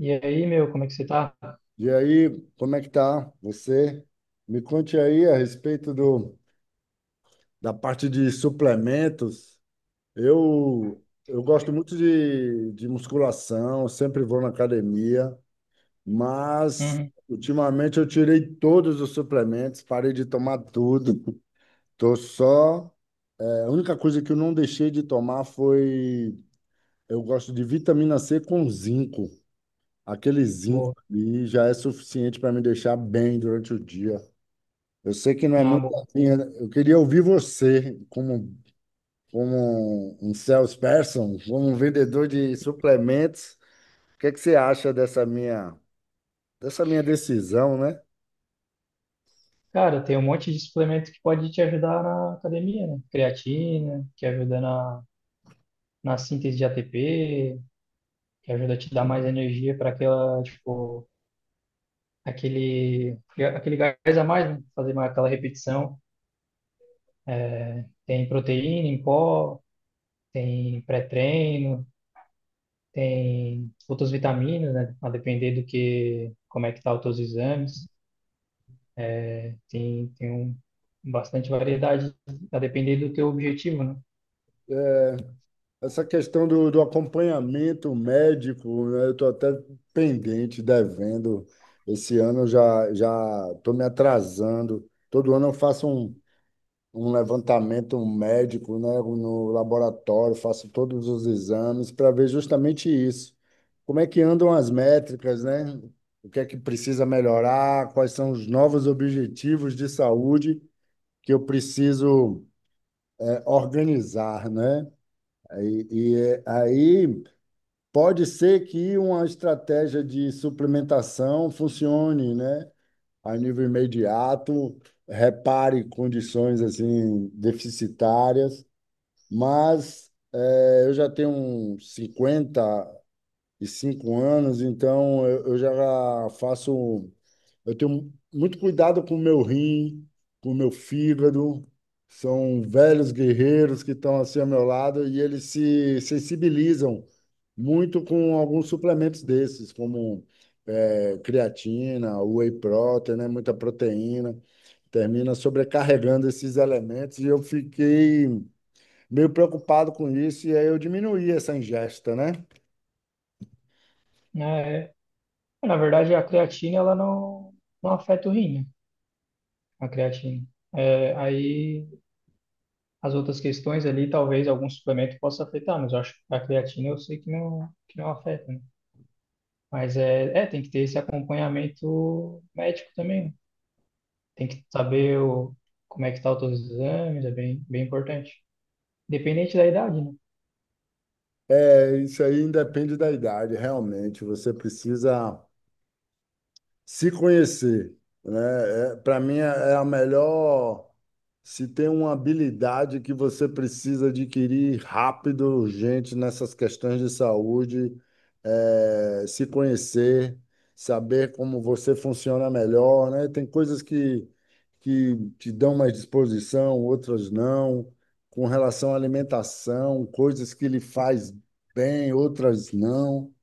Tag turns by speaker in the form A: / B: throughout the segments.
A: E aí, meu, como é que você tá?
B: E aí, como é que tá você? Me conte aí a respeito da parte de suplementos. Eu, eu
A: Oi.
B: gosto muito de musculação, sempre vou na academia, mas
A: Uhum,
B: ultimamente eu tirei todos os suplementos, parei de tomar tudo. Tô só. A única coisa que eu não deixei de tomar foi. Eu gosto de vitamina C com zinco. Aquele zinco
A: boa.
B: ali já é suficiente para me deixar bem durante o dia. Eu sei que não é
A: Ah,
B: muito
A: boa.
B: assim. Eu queria ouvir você, como um salesperson, como um vendedor de suplementos. O que é que você acha dessa minha decisão, né?
A: Cara, tem um monte de suplemento que pode te ajudar na academia, né? Creatina, que ajuda na síntese de ATP, que ajuda a te dar mais energia para aquela, tipo, aquele, aquele gás a mais, né? Fazer mais aquela repetição. É, tem proteína em pó, tem pré-treino, tem outras vitaminas, né? A depender do que, como é que tá os teus exames. É, tem um, bastante variedade, a depender do teu objetivo, né?
B: Essa questão do acompanhamento médico, né? Eu estou até pendente, devendo. Esse ano eu já estou me atrasando. Todo ano eu faço um levantamento médico, né, no laboratório, faço todos os exames para ver justamente isso. Como é que andam as métricas, né? O que é que precisa melhorar? Quais são os novos objetivos de saúde que eu preciso organizar, né? E aí pode ser que uma estratégia de suplementação funcione, né? A nível imediato, repare condições assim deficitárias, mas eu já tenho uns 55 anos, então eu já faço. Eu tenho muito cuidado com o meu rim, com o meu fígado. São velhos guerreiros que estão assim ao meu lado e eles se sensibilizam muito com alguns suplementos desses, como creatina, whey protein, né? Muita proteína. Termina sobrecarregando esses elementos e eu fiquei meio preocupado com isso, e aí eu diminuí essa ingesta, né?
A: É, na verdade, a creatina ela não, não afeta o rim, né? A creatina. É, aí as outras questões ali, talvez algum suplemento possa afetar, mas eu acho que a creatina eu sei que não afeta, né? Mas é, tem que ter esse acompanhamento médico também, né? Tem que saber o, como é que tá os teus exames, é bem importante. Dependente da idade, né?
B: É, isso aí independe da idade, realmente. Você precisa. Se conhecer, né? Para mim é a melhor. Se tem uma habilidade que você precisa adquirir rápido, urgente nessas questões de saúde, é se conhecer, saber como você funciona melhor, né? Tem coisas que te dão mais disposição, outras não. Com relação à alimentação, coisas que lhe faz bem, outras não.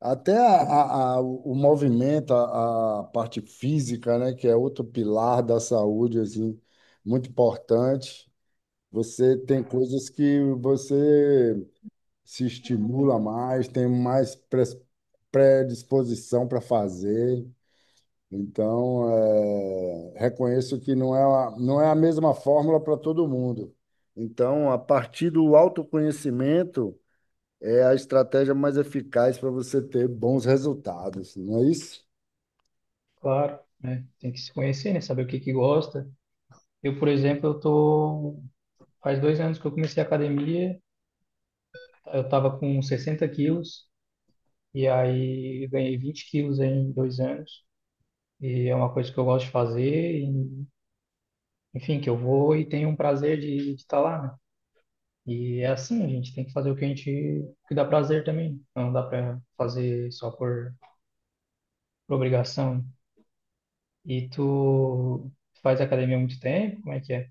B: Até o movimento, a parte física, né, que é outro pilar da saúde, assim, muito importante. Você tem coisas que você se estimula mais, tem mais predisposição para fazer. Então, reconheço que não é a mesma fórmula para todo mundo. Então, a partir do autoconhecimento é a estratégia mais eficaz para você ter bons resultados, não é isso?
A: Claro, né? Tem que se conhecer, né? Saber o que que gosta. Eu, por exemplo, eu tô... Faz dois anos que eu comecei a academia, eu tava com 60 quilos, e aí ganhei 20 quilos em dois anos. E é uma coisa que eu gosto de fazer, e, enfim, que eu vou e tenho um prazer de estar lá, né? E é assim, a gente tem que fazer o que a gente... o que dá prazer também. Não dá para fazer só por obrigação. E tu faz academia há muito tempo? Como é que é?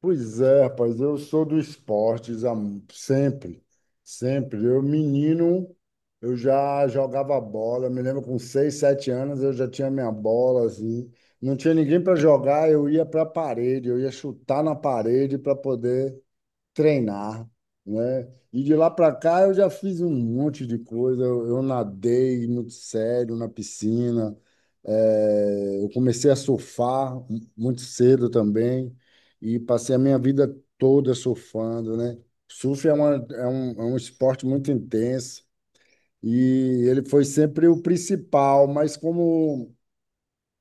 B: Pois é, rapaz, eu sou do esportes há sempre, sempre. Eu, menino, eu já jogava bola, me lembro com 6, 7 anos eu já tinha minha bola, assim. Não tinha ninguém para jogar, eu ia para a parede, eu ia chutar na parede para poder treinar, né? E de lá para cá eu já fiz um monte de coisa. Eu nadei muito sério na piscina, eu comecei a surfar muito cedo também e passei a minha vida toda surfando, né? Surf é um esporte muito intenso e ele foi sempre o principal, mas como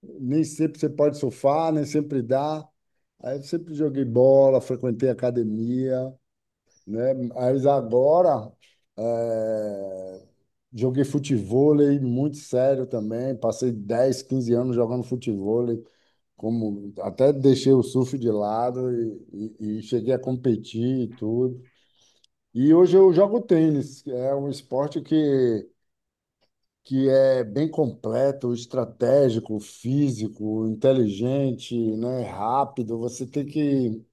B: nem sempre você pode surfar, nem sempre dá, aí eu sempre joguei bola, frequentei academia, né? Mas agora é, joguei futevôlei muito sério também. Passei 10, 15 anos jogando futevôlei, como até deixei o surf de lado e cheguei a competir e tudo. E hoje eu jogo tênis, que é um esporte que é bem completo, estratégico, físico, inteligente, né? Rápido.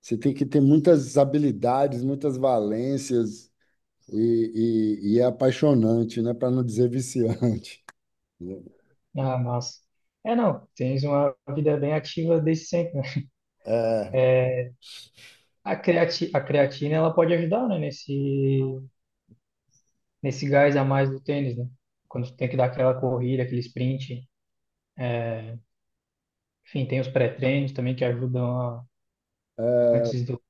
B: Você tem que ter muitas habilidades, muitas valências e é apaixonante, né? Para não dizer viciante.
A: Ah, massa. É, não, tens uma vida bem ativa desde sempre, né? A creatina, ela pode ajudar, né, nesse gás a mais do tênis, né? Quando tu tem que dar aquela corrida, aquele sprint. Enfim, tem os pré-treinos também que ajudam a- antes do,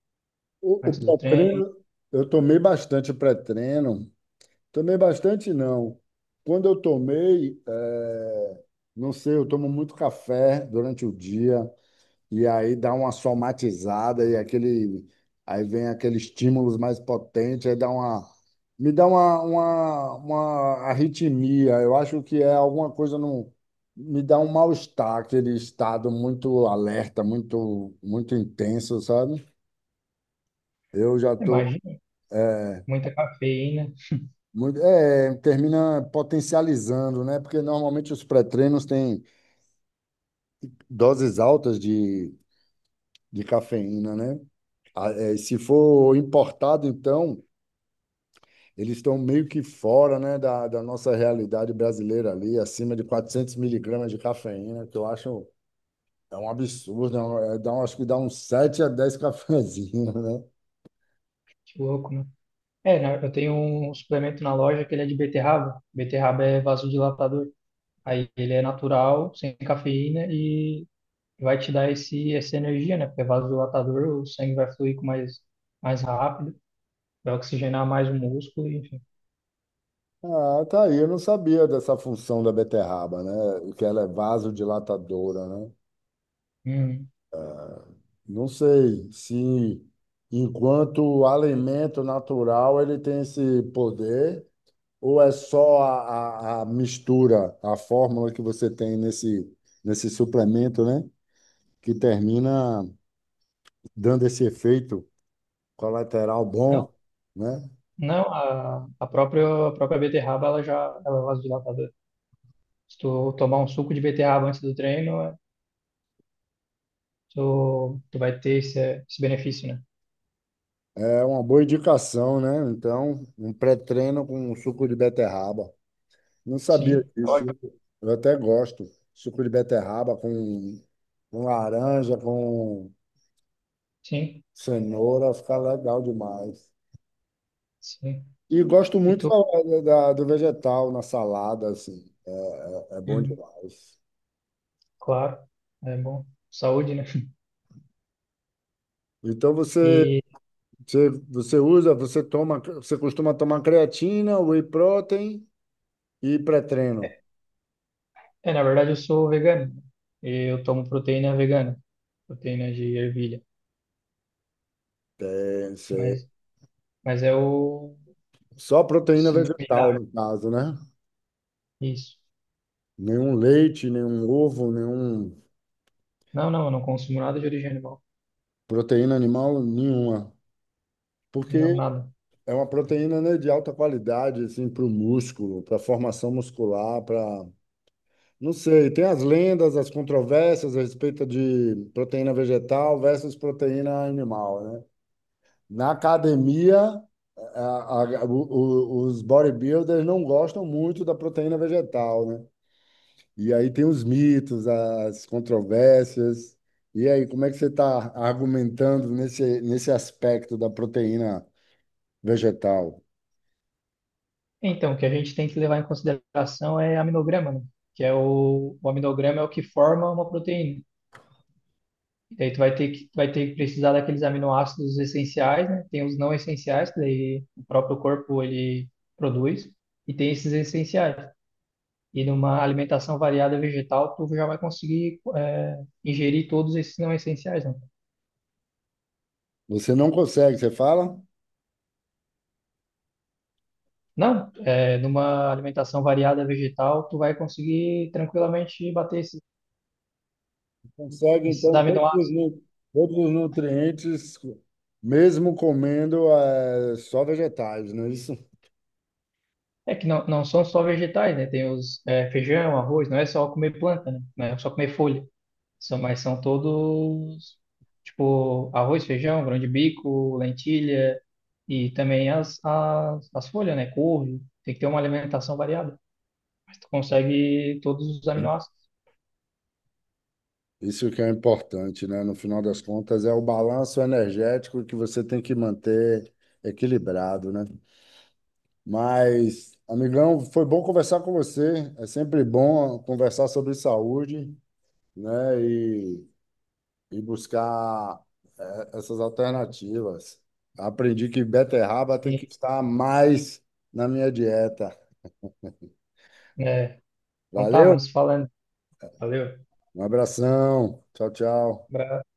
B: O
A: antes do treino.
B: pré-treino, eu tomei bastante pré-treino. Tomei bastante, não. Quando eu tomei, não sei, eu tomo muito café durante o dia. E aí dá uma somatizada e aí vem aquele estímulos mais potente, aí me dá uma arritmia. Eu acho que é alguma coisa no, me dá um mal-estar, aquele estado muito alerta, muito, muito intenso, sabe? Eu já tô
A: Imagina, muita cafeína,
B: muito, é, termina potencializando, né? Porque normalmente os pré-treinos têm doses altas de cafeína, né? Ah, é, se for importado, então eles estão meio que fora, né, da nossa realidade brasileira ali, acima de 400 miligramas de cafeína, que eu acho é um absurdo, é um- é, dá, um- acho que dá uns 7 a 10 cafezinhos, né?
A: que louco, né? É, né, eu tenho um suplemento na loja que ele é de beterraba. Beterraba é vasodilatador. Aí ele é natural, sem cafeína, vai te dar essa energia, né? Porque vasodilatador, o sangue vai fluir com mais rápido, vai oxigenar mais o músculo, enfim.
B: Ah, tá aí, eu não sabia dessa função da beterraba, né? Que ela é vasodilatadora, né?
A: Uhum.
B: Não sei se, enquanto alimento natural, ele tem esse poder, ou é só a mistura, a fórmula que você tem nesse, nesse suplemento, né? Que termina dando esse efeito colateral
A: Não,
B: bom, né?
A: não a própria, a própria beterraba, ela já ela é vasodilatadora. Se tu tomar um suco de beterraba antes do treino, é, tu vai ter esse benefício, né?
B: É uma boa indicação, né? Então, um pré-treino com suco de beterraba. Não sabia
A: Sim, ótimo.
B: disso. Eu até gosto. Suco de beterraba com laranja, com
A: Sim,
B: cenoura, fica legal demais.
A: sim.
B: E gosto
A: E
B: muito
A: tu,
B: do vegetal na salada, assim. É, é bom
A: Uhum,
B: demais.
A: claro, é bom. Saúde, né?
B: Então, você
A: E
B: você costuma tomar creatina, whey protein e pré-treino.
A: é, na verdade eu sou vegano. E eu tomo proteína vegana, proteína de ervilha.
B: É, Você-
A: Mas, mas é o
B: Só proteína
A: similar
B: vegetal,
A: a
B: no caso, né?
A: isso.
B: Nenhum leite, nenhum ovo, nenhum
A: Não, não, eu não consumo nada de origem animal.
B: proteína animal, nenhuma.
A: Não,
B: Porque
A: nada.
B: é uma proteína, né, de alta qualidade, assim, para o músculo, para a formação muscular, para... Não sei, tem as lendas, as controvérsias a respeito de proteína vegetal versus proteína animal, né? Na academia, a- os bodybuilders não gostam muito da proteína vegetal, né? E aí tem os mitos, as controvérsias. E aí, como é que você está argumentando nesse aspecto da proteína vegetal?
A: Então, o que a gente tem que levar em consideração é aminograma, né? Que é o aminograma é o que forma uma proteína. E daí tu vai ter que precisar daqueles aminoácidos essenciais, né? Tem os não essenciais, que daí o próprio corpo ele produz, e tem esses essenciais. E numa alimentação variada vegetal, tu já vai conseguir, é, ingerir todos esses não essenciais, né?
B: Você não consegue, você fala?
A: Não, é, numa alimentação variada vegetal, tu vai conseguir tranquilamente bater
B: Consegue,
A: esses
B: então,
A: aminoácidos.
B: todos os nutrientes, mesmo comendo só vegetais, não é isso?
A: É que não, não são só vegetais, né? Tem os é, feijão, arroz, não é só comer planta, né? Não é só comer folha, são, mas são todos, tipo, arroz, feijão, grão de bico, lentilha e também as folhas, né? Couve, tem que ter uma alimentação variada. Tu consegue todos os aminoácidos.
B: Isso que é importante, né? No final das contas, é o balanço energético que você tem que manter equilibrado, né? Mas, amigão, foi bom conversar com você. É sempre bom conversar sobre saúde, né? E buscar essas alternativas. Aprendi que beterraba tem que
A: Sim,
B: estar mais na minha dieta.
A: né? Então tá,
B: Valeu?
A: vamos falando. Valeu.
B: Um abração. Tchau, tchau.
A: Abraço.